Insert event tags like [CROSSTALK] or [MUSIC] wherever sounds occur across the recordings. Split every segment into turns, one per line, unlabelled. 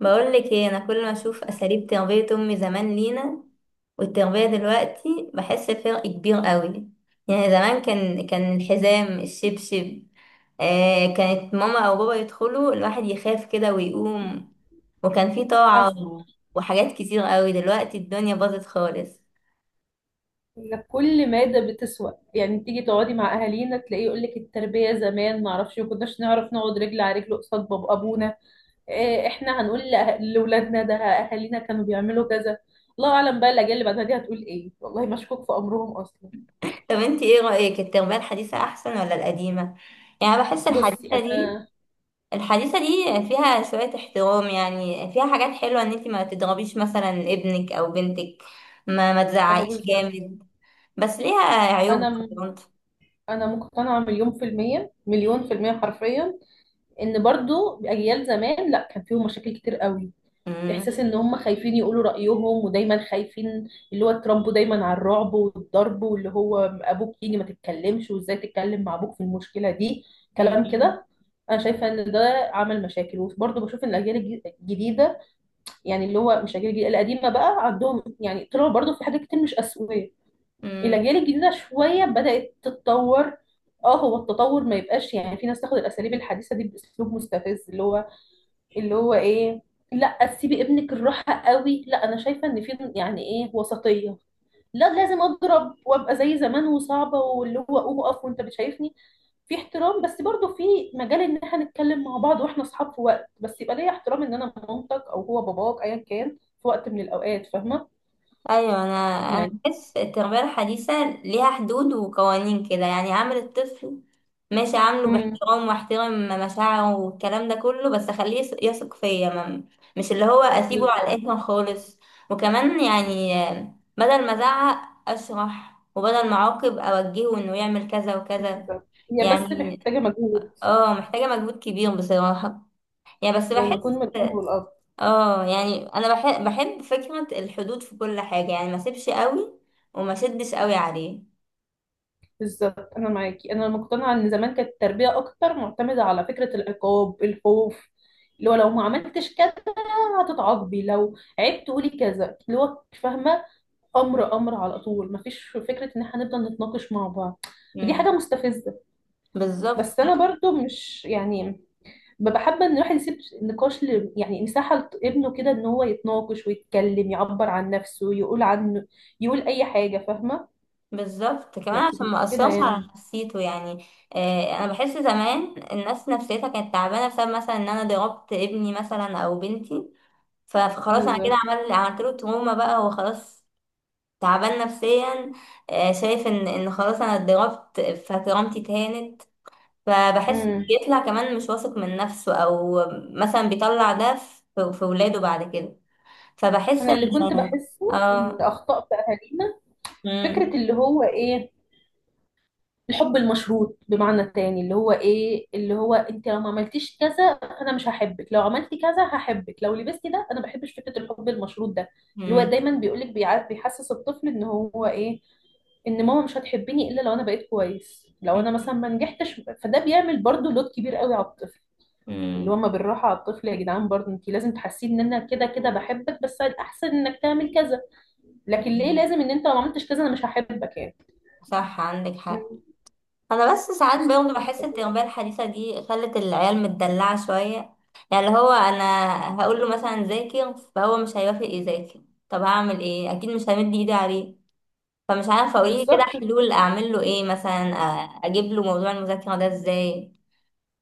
بقول لك ايه، انا كل ما اشوف اساليب تربيه امي زمان لينا والتربيه دلوقتي بحس بفرق كبير قوي. يعني زمان كان الحزام الشبشب. آه، كانت ماما او بابا يدخلوا الواحد يخاف كده ويقوم، وكان في
حصل.
طاعه وحاجات كتير قوي. دلوقتي الدنيا باظت خالص.
ان كل مادة بتسوى، يعني تيجي تقعدي مع اهالينا تلاقيه يقول لك التربية زمان ما اعرفش، ما كناش نعرف نقعد رجل على رجل قصاد باب ابونا. إيه، احنا هنقول لاولادنا ده اهالينا كانوا بيعملوا كذا؟ الله اعلم بقى الاجيال اللي بعدها دي هتقول ايه، والله مشكوك في امرهم اصلا.
طب انت ايه رايك، التربيه الحديثه احسن ولا القديمه؟ يعني بحس
بصي
الحديثه دي
انا،
الحديثة دي فيها شوية احترام، يعني فيها حاجات حلوة، ان انتي ما تضربيش مثلا ابنك او بنتك، ما
ما هو
تزعقيش
بالظبط.
جامد، بس ليها
انا
عيوب
م-
برضه.
انا مقتنعة مليون في المية، مليون في المية حرفيا، ان برضو اجيال زمان لا كان فيهم مشاكل كتير قوي.
مم.
احساس ان هم خايفين يقولوا رايهم، ودايما خايفين. اللي هو اتربوا دايما على الرعب والضرب، واللي هو ابوك يجي ما تتكلمش، وازاي تتكلم مع ابوك في المشكله دي. كلام
مم.
كده. انا شايفه ان ده عمل مشاكل، وبرضه بشوف ان الجديده، يعني اللي هو مش الاجيال الجديده، القديمه بقى عندهم يعني طلعوا برضه في حاجات كتير مش اسويه.
مم.
الاجيال الجديده شويه بدات تتطور. اه، هو التطور ما يبقاش يعني في ناس تاخد الاساليب الحديثه دي باسلوب مستفز، اللي هو اللي هو ايه؟ لا سيبي ابنك الراحه قوي، لا، انا شايفه ان في يعني ايه، وسطيه. لا لازم اضرب وابقى زي زمان وصعبه، واللي هو قوم اقف وانت بتشايفني. في احترام، بس برضو في مجال ان احنا نتكلم مع بعض واحنا اصحاب في وقت، بس يبقى ليا احترام ان انا مامتك او هو باباك ايا كان في وقت من الاوقات، فاهمه؟
ايوه، انا
يعني
بحس التربيه الحديثه ليها حدود وقوانين كده، يعني عامل الطفل ماشي، عامله
امم
باحترام واحترم مشاعره والكلام ده كله، بس اخليه يثق فيا، مش اللي هو اسيبه على
بالظبط.
الاخر خالص. وكمان يعني، بدل ما ازعق اشرح، وبدل ما اعاقب اوجهه انه يعمل كذا وكذا.
بالظبط. هي بس
يعني
محتاجه مجهود،
اه محتاجه مجهود كبير بصراحه. يعني بس
يعني مجهود
بحس،
من الام والاب.
اه يعني انا بحب فكرة الحدود في كل حاجة، يعني ما سيبش قوي وما شدش قوي عليه.
بالظبط، انا معاكي. انا مقتنعه ان زمان كانت التربيه اكتر معتمده على فكره العقاب، الخوف، اللي هو لو ما عملتش كذا هتتعاقبي، لو عيبت قولي كذا، اللي هو فاهمه. امر، امر على طول، مفيش فكره ان احنا نفضل نتناقش مع بعض. ودي حاجه
امم
مستفزه.
بالظبط.
بس
لا،
انا برضو مش يعني ببقى حابه ان الواحد يسيب نقاش ل... يعني مساحه لابنه كده ان هو يتناقش ويتكلم، يعبر عن نفسه، يقول عنه، يقول اي حاجه فاهمه.
بالظبط، كمان
لكن
عشان ما
مش كده
اثرش على
يعني.
نفسيته يعني. آه، انا بحس زمان الناس نفسيتها كانت تعبانة بسبب مثلا ان انا ضربت ابني مثلا او بنتي، فخلاص انا كده
بالظبط.
عملت له تروما، بقى هو خلاص تعبان نفسيا. آه، شايف ان خلاص انا اتضربت فكرامتي اتهانت، فبحس
إمم.
بيطلع كمان مش واثق من نفسه، او مثلا بيطلع ده في ولاده بعد كده. فبحس
انا اللي كنت
ان
بحسه ان
اه
اخطاء في اهالينا، فكره
مم،
اللي هو ايه، الحب المشروط، بمعنى تاني اللي هو ايه، اللي هو انت لو ما عملتيش كذا فانا مش هحبك، لو عملتي كذا هحبك، لو لبستي ده. انا ما بحبش فكره الحب المشروط ده، اللي هو
مم،
دايما بيقولك بيحسس الطفل ان هو ايه، ان ماما مش هتحبني الا لو انا بقيت كويس، لو
مم،
انا مثلا ما نجحتش، فده بيعمل برضو لود كبير قوي على الطفل. اللي هو
مم،
ما بالراحه على الطفل يا جدعان، برضو انت لازم تحسيه ان انا كده كده بحبك، بس الاحسن انك تعمل كذا. لكن ليه
مم.
لازم ان انت لو ما عملتش كذا انا مش هحبك يعني؟
صح، عندك حق.
مم.
انا بس ساعات برضه بحس ان التربيه الحديثه دي خلت العيال متدلعه شويه. يعني اللي هو انا هقول له مثلا ذاكر، فهو مش هيوافق يذاكر. طب هعمل ايه؟ اكيد مش همد ايدي عليه. فمش عارفه، اقولي كده
بالظبط.
حلول اعمل له ايه مثلا، اجيب له موضوع المذاكره ده ازاي.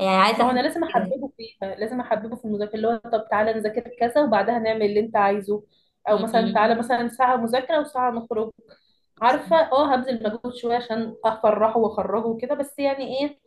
يعني عايزة
هو
أحس
انا لازم
كده.
احببه فيها، لازم احببه في المذاكره، اللي هو طب تعالى نذاكر كذا وبعدها نعمل اللي انت عايزه، او مثلا
م-م.
تعالى مثلا ساعه مذاكره وساعه نخرج. عارفه، اه هبذل مجهود شويه عشان افرحه واخرجه وكده، بس يعني ايه،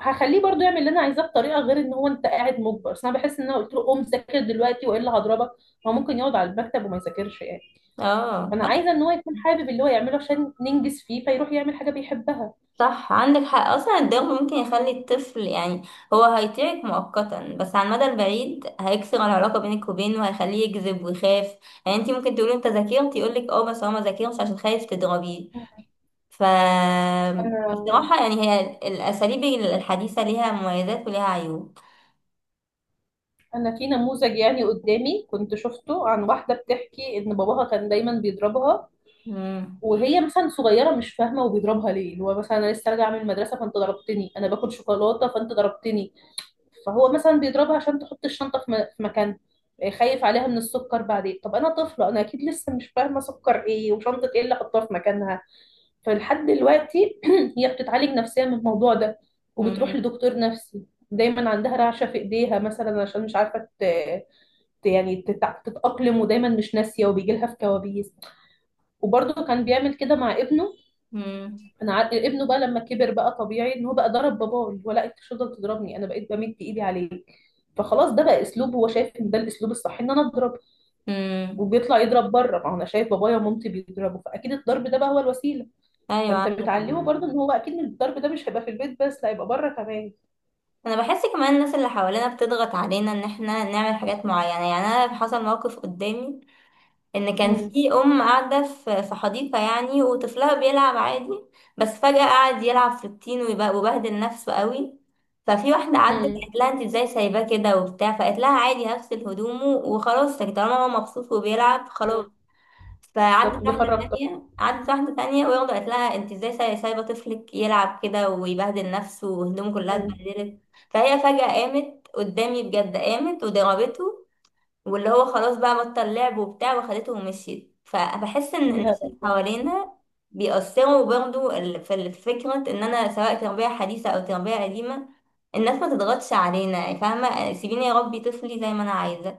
هخليه برضو يعمل اللي انا عايزاه بطريقه غير ان هو انت قاعد مجبر. بس انا بحس ان انا قلت له قوم ذاكر دلوقتي والا هضربك، هو ممكن يقعد على المكتب وما يذاكرش يعني.
اه
انا عايزه ان هو يكون حابب اللي هو يعمله عشان ننجز فيه، فيروح يعمل حاجه بيحبها.
صح، عندك حق، اصلا الضغط ممكن يخلي الطفل يعني، هو هيطيعك مؤقتا بس على المدى البعيد هيكسر العلاقه بينك وبينه وهيخليه يكذب ويخاف. يعني انت ممكن تقولي انت ذاكرت، يقول لك اه، بس هو ما ذاكرش عشان خايف تضربيه. ف
انا
بصراحه يعني هي الاساليب الحديثه ليها مميزات وليها عيوب.
انا في نموذج يعني قدامي كنت شفته عن واحده بتحكي ان باباها كان دايما بيضربها،
امم،
وهي مثلا صغيره مش فاهمه، وبيضربها ليه؟ اللي هو مثلا انا لسه راجعه من المدرسه فانت ضربتني، انا باكل شوكولاته فانت ضربتني. فهو مثلا بيضربها عشان تحط الشنطه في مكان. آه، خايف عليها من السكر. بعدين طب انا طفله، انا اكيد لسه مش فاهمه سكر ايه وشنطه ايه اللي احطها في مكانها. فلحد دلوقتي [CLEARS THROAT] هي بتتعالج نفسيا من الموضوع ده، وبتروح
امم،
لدكتور نفسي. دايما عندها رعشة في ايديها مثلا، عشان مش عارفة ت... ت- يعني تتع- تتأقلم، ودايما مش ناسية، وبيجي لها في كوابيس. وبرضه كان بيعمل كده مع ابنه. ابنه بقى لما كبر بقى طبيعي ان هو بقى ضرب باباه، اللي هو لا انت مش هتفضل تضربني، انا بقيت بمد ايدي عليك. فخلاص ده بقى اسلوب، هو شايف ان ده الاسلوب الصح ان انا اضرب.
امم،
وبيطلع يضرب بره، ما هو انا شايف بابايا ومامتي بيضربوا، فاكيد الضرب ده بقى هو الوسيلة.
ايوه.
فانت بتعلمه برضو ان هو اكيد الضرب ده مش هيبقى في البيت بس، لا هيبقى بره كمان.
انا بحس كمان الناس اللي حوالينا بتضغط علينا ان احنا نعمل حاجات معينه. يعني انا حصل موقف قدامي، ان كان
امم.
في ام قاعده في حديقه يعني وطفلها بيلعب عادي، بس فجاه قعد يلعب في الطين وبهدل نفسه قوي. ففي واحده عدت
مم.
قالت لها انت ازاي سايباه كده وبتاع، فقالت لها عادي هغسل هدومه وخلاص، طالما هو مبسوط وبيلعب خلاص.
مم. بالظبط،
فعدت واحدة
بيخرب طاقته.
تانية عدت واحدة تانية وياخدة قالت لها انت ازاي سايبة طفلك يلعب كده ويبهدل نفسه وهدومه كلها
مم.
اتبهدلت. فهي فجأة قامت قدامي، بجد قامت وضربته، واللي هو خلاص بقى بطل لعب وبتاع وخدته ومشيت. فبحس ان الناس
الهبل.
اللي حوالينا بيأثروا برضه، في فكرة ان انا سواء تربية حديثة او تربية قديمة الناس ما تضغطش علينا، يعني فاهمة، سيبيني اربي طفلي زي ما انا عايزة.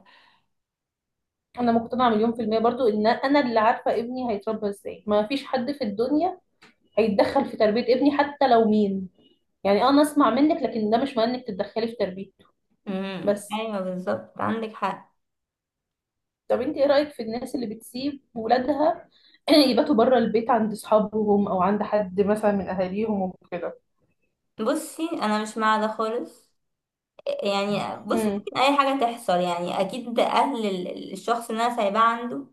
انا مقتنعه مليون في الميه برضو ان انا اللي عارفه ابني هيتربى ازاي، ما فيش حد في الدنيا هيتدخل في تربيه ابني حتى لو مين، يعني آه، انا اسمع منك لكن ده مش معناه انك تتدخلي في تربيته.
امم،
بس
ايوه، بالظبط، عندك حق.
طب انت ايه رايك في الناس اللي بتسيب ولادها [CLEARS THROAT] يباتوا بره البيت عند اصحابهم او عند حد مثلا من اهاليهم وكده؟
بصي انا مش مع ده خالص. يعني بصي
امم.
ممكن اي حاجه تحصل، يعني اكيد اهل الشخص اللي انا سايباه عنده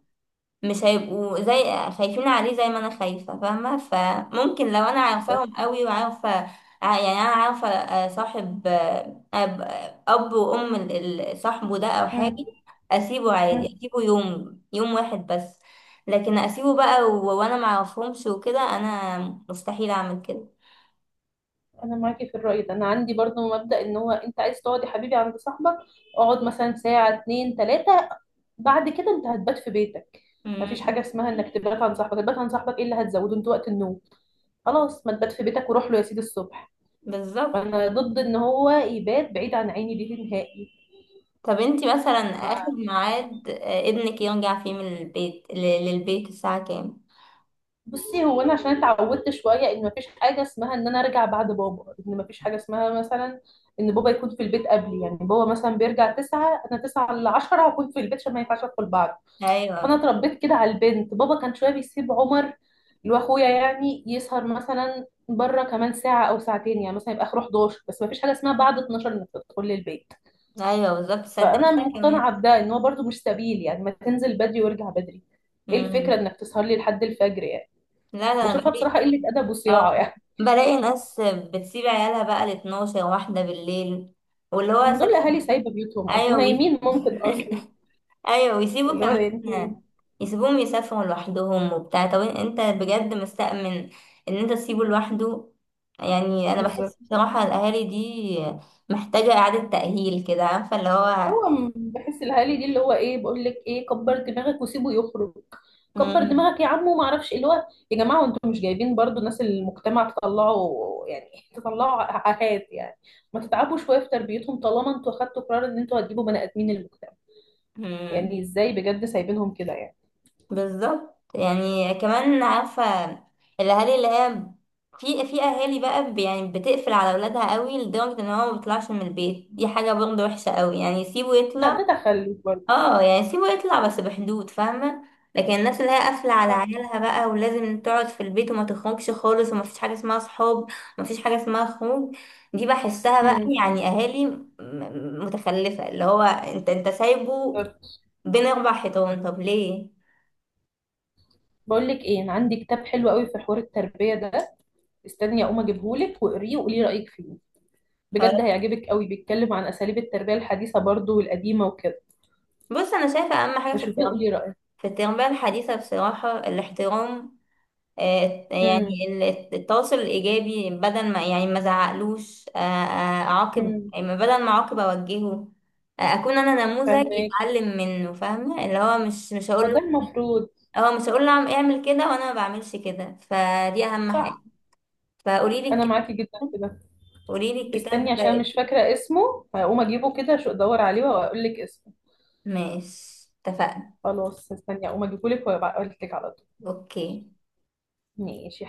مش هيبقوا زي، خايفين عليه زي ما انا خايفه، فاهمه؟ فممكن لو انا
بالظبط.
عارفاهم قوي وعارفه، يعني انا عارفه، صاحب، أب وام صاحبه ده او حاجه،
مم.
اسيبه عادي،
مم.
اسيبه يوم يوم واحد بس. لكن اسيبه بقى وانا معرفهمش وكده، انا مستحيل اعمل كده.
انا معاكي في الرأي ده، انا عندي برضو مبدأ ان هو انت عايز تقعد يا حبيبي عند صاحبك، اقعد مثلا ساعة، اتنين، تلاتة، بعد كده انت هتبات في بيتك. مفيش
مم.
حاجة اسمها انك تبات عند صاحبك. تبات عند صاحبك ايه اللي هتزوده انت وقت النوم؟ خلاص، ما تبات في بيتك وروح له يا سيدي الصبح.
بالظبط.
فانا ضد ان هو يبات بعيد عن عيني دي نهائي.
طب انتي مثلا
ما
اخر ميعاد ابنك يرجع فيه من البيت للبيت الساعة كام؟
بصي، هو انا عشان اتعودت شويه ان مفيش حاجه اسمها ان انا ارجع بعد بابا، ان مفيش حاجه اسمها مثلا ان بابا يكون في البيت قبلي، يعني بابا مثلا بيرجع 9، انا تسعة ل 10 هكون في البيت، عشان ما ينفعش ادخل بعض. فانا
ايوه،
اتربيت كده على البنت، بابا كان شويه بيسيب عمر اللي هو اخويا يعني يسهر مثلا بره كمان ساعه او ساعتين، يعني مثلا يبقى اخره 11، بس مفيش حاجه اسمها بعد 12 انك تدخل البيت.
ايوه بالظبط،
فانا
صدقني انا كمان.
مقتنعه بده، ان هو برده مش سبيل يعني، ما تنزل بدري وارجع بدري. ايه الفكره
امم.
انك تسهر لي لحد الفجر يعني؟
لا، ده انا
بشوفها
بلاقي،
بصراحة قلة أدب
اه
وصياعة يعني.
بلاقي ناس بتسيب عيالها بقى ل 12 واحدة بالليل، واللي هو
دول أهالي سايبة بيوتهم أصلا
ايوه،
ونايمين ممكن أصلا.
[LAUGHS] ايوه، ويسيبوا
اللي هو أنت،
كمان يسيبوهم يسافروا لوحدهم وبتاع. طب انت بجد مستأمن ان انت تسيبه لوحده؟ يعني انا
بالظبط.
بحس بصراحة الاهالي دي محتاجة اعادة تأهيل كده، عارفة اللي هو.
بحس الأهالي دي اللي هو إيه، بقول لك إيه، كبر دماغك وسيبه يخرج، كبر
مم.
دماغك يا عم وما أعرفش إيه. اللي هو يا جماعة، وأنتوا مش جايبين برضو ناس المجتمع، تطلعوا يعني [LAUGHS] تطلعوا عاهات يعني. ما تتعبوا شوية في تربيتهم طالما أنتوا أخدتوا قرار إن أنتوا هتجيبوا بني آدمين المجتمع.
مم.
يعني إزاي بجد سايبينهم كده يعني؟
بالظبط. يعني كمان عارفة الاهالي اللي هي، في اهالي بقى، يعني بتقفل على اولادها قوي لدرجة ان هو ما بيطلعش من البيت، دي حاجة برضه وحشة قوي، يعني يسيبه
لا
يطلع.
ده تخلف برضه.
اه يعني سيبه يطلع بس بحدود، فاهمة؟ لكن الناس اللي هي قافلة على عيالها بقى، ولازم تقعد في البيت وما تخرجش خالص، وما فيش حاجة اسمها صحاب وما فيش حاجة اسمها خروج، دي بحسها بقى
مم.
يعني اهالي متخلفة، اللي هو انت سايبه بين 4 حيطان، طب ليه؟
بقول لك ايه، انا عندي كتاب حلو قوي في حوار التربيه ده. استني اقوم اجيبهولك واقريه وقولي رايك فيه.
طب
بجد هيعجبك قوي، بيتكلم عن اساليب التربيه الحديثه برضو والقديمه وكده.
بص، انا شايفة اهم حاجة في
فشوفيه
التربية،
وقولي رايك.
في التربية الحديثة بصراحة الاحترام.
امم.
يعني التواصل الإيجابي، بدل ما يعني ما زعقلوش، أعاقب،
امم.
يعني بدل ما أعاقب أوجهه. أكون أنا نموذج
فاهمك.
يتعلم منه، فاهمة؟ اللي هو مش مش هقول
هو ده
له
المفروض.
هو مش هقول له اعمل كده وأنا ما بعملش كده، فدي أهم حاجة.
صح،
فقولي لي
انا معاكي جدا في ده.
قولي لي الكتاب
استني
ده
عشان
إيه؟
مش فاكره اسمه، هقوم اجيبه كده، شو ادور عليه واقول لك اسمه.
ماشي، اتفقنا.
خلاص، استني اقوم اجيبهولك وابقى اقول لك على طول.
أوكي.
ماشي.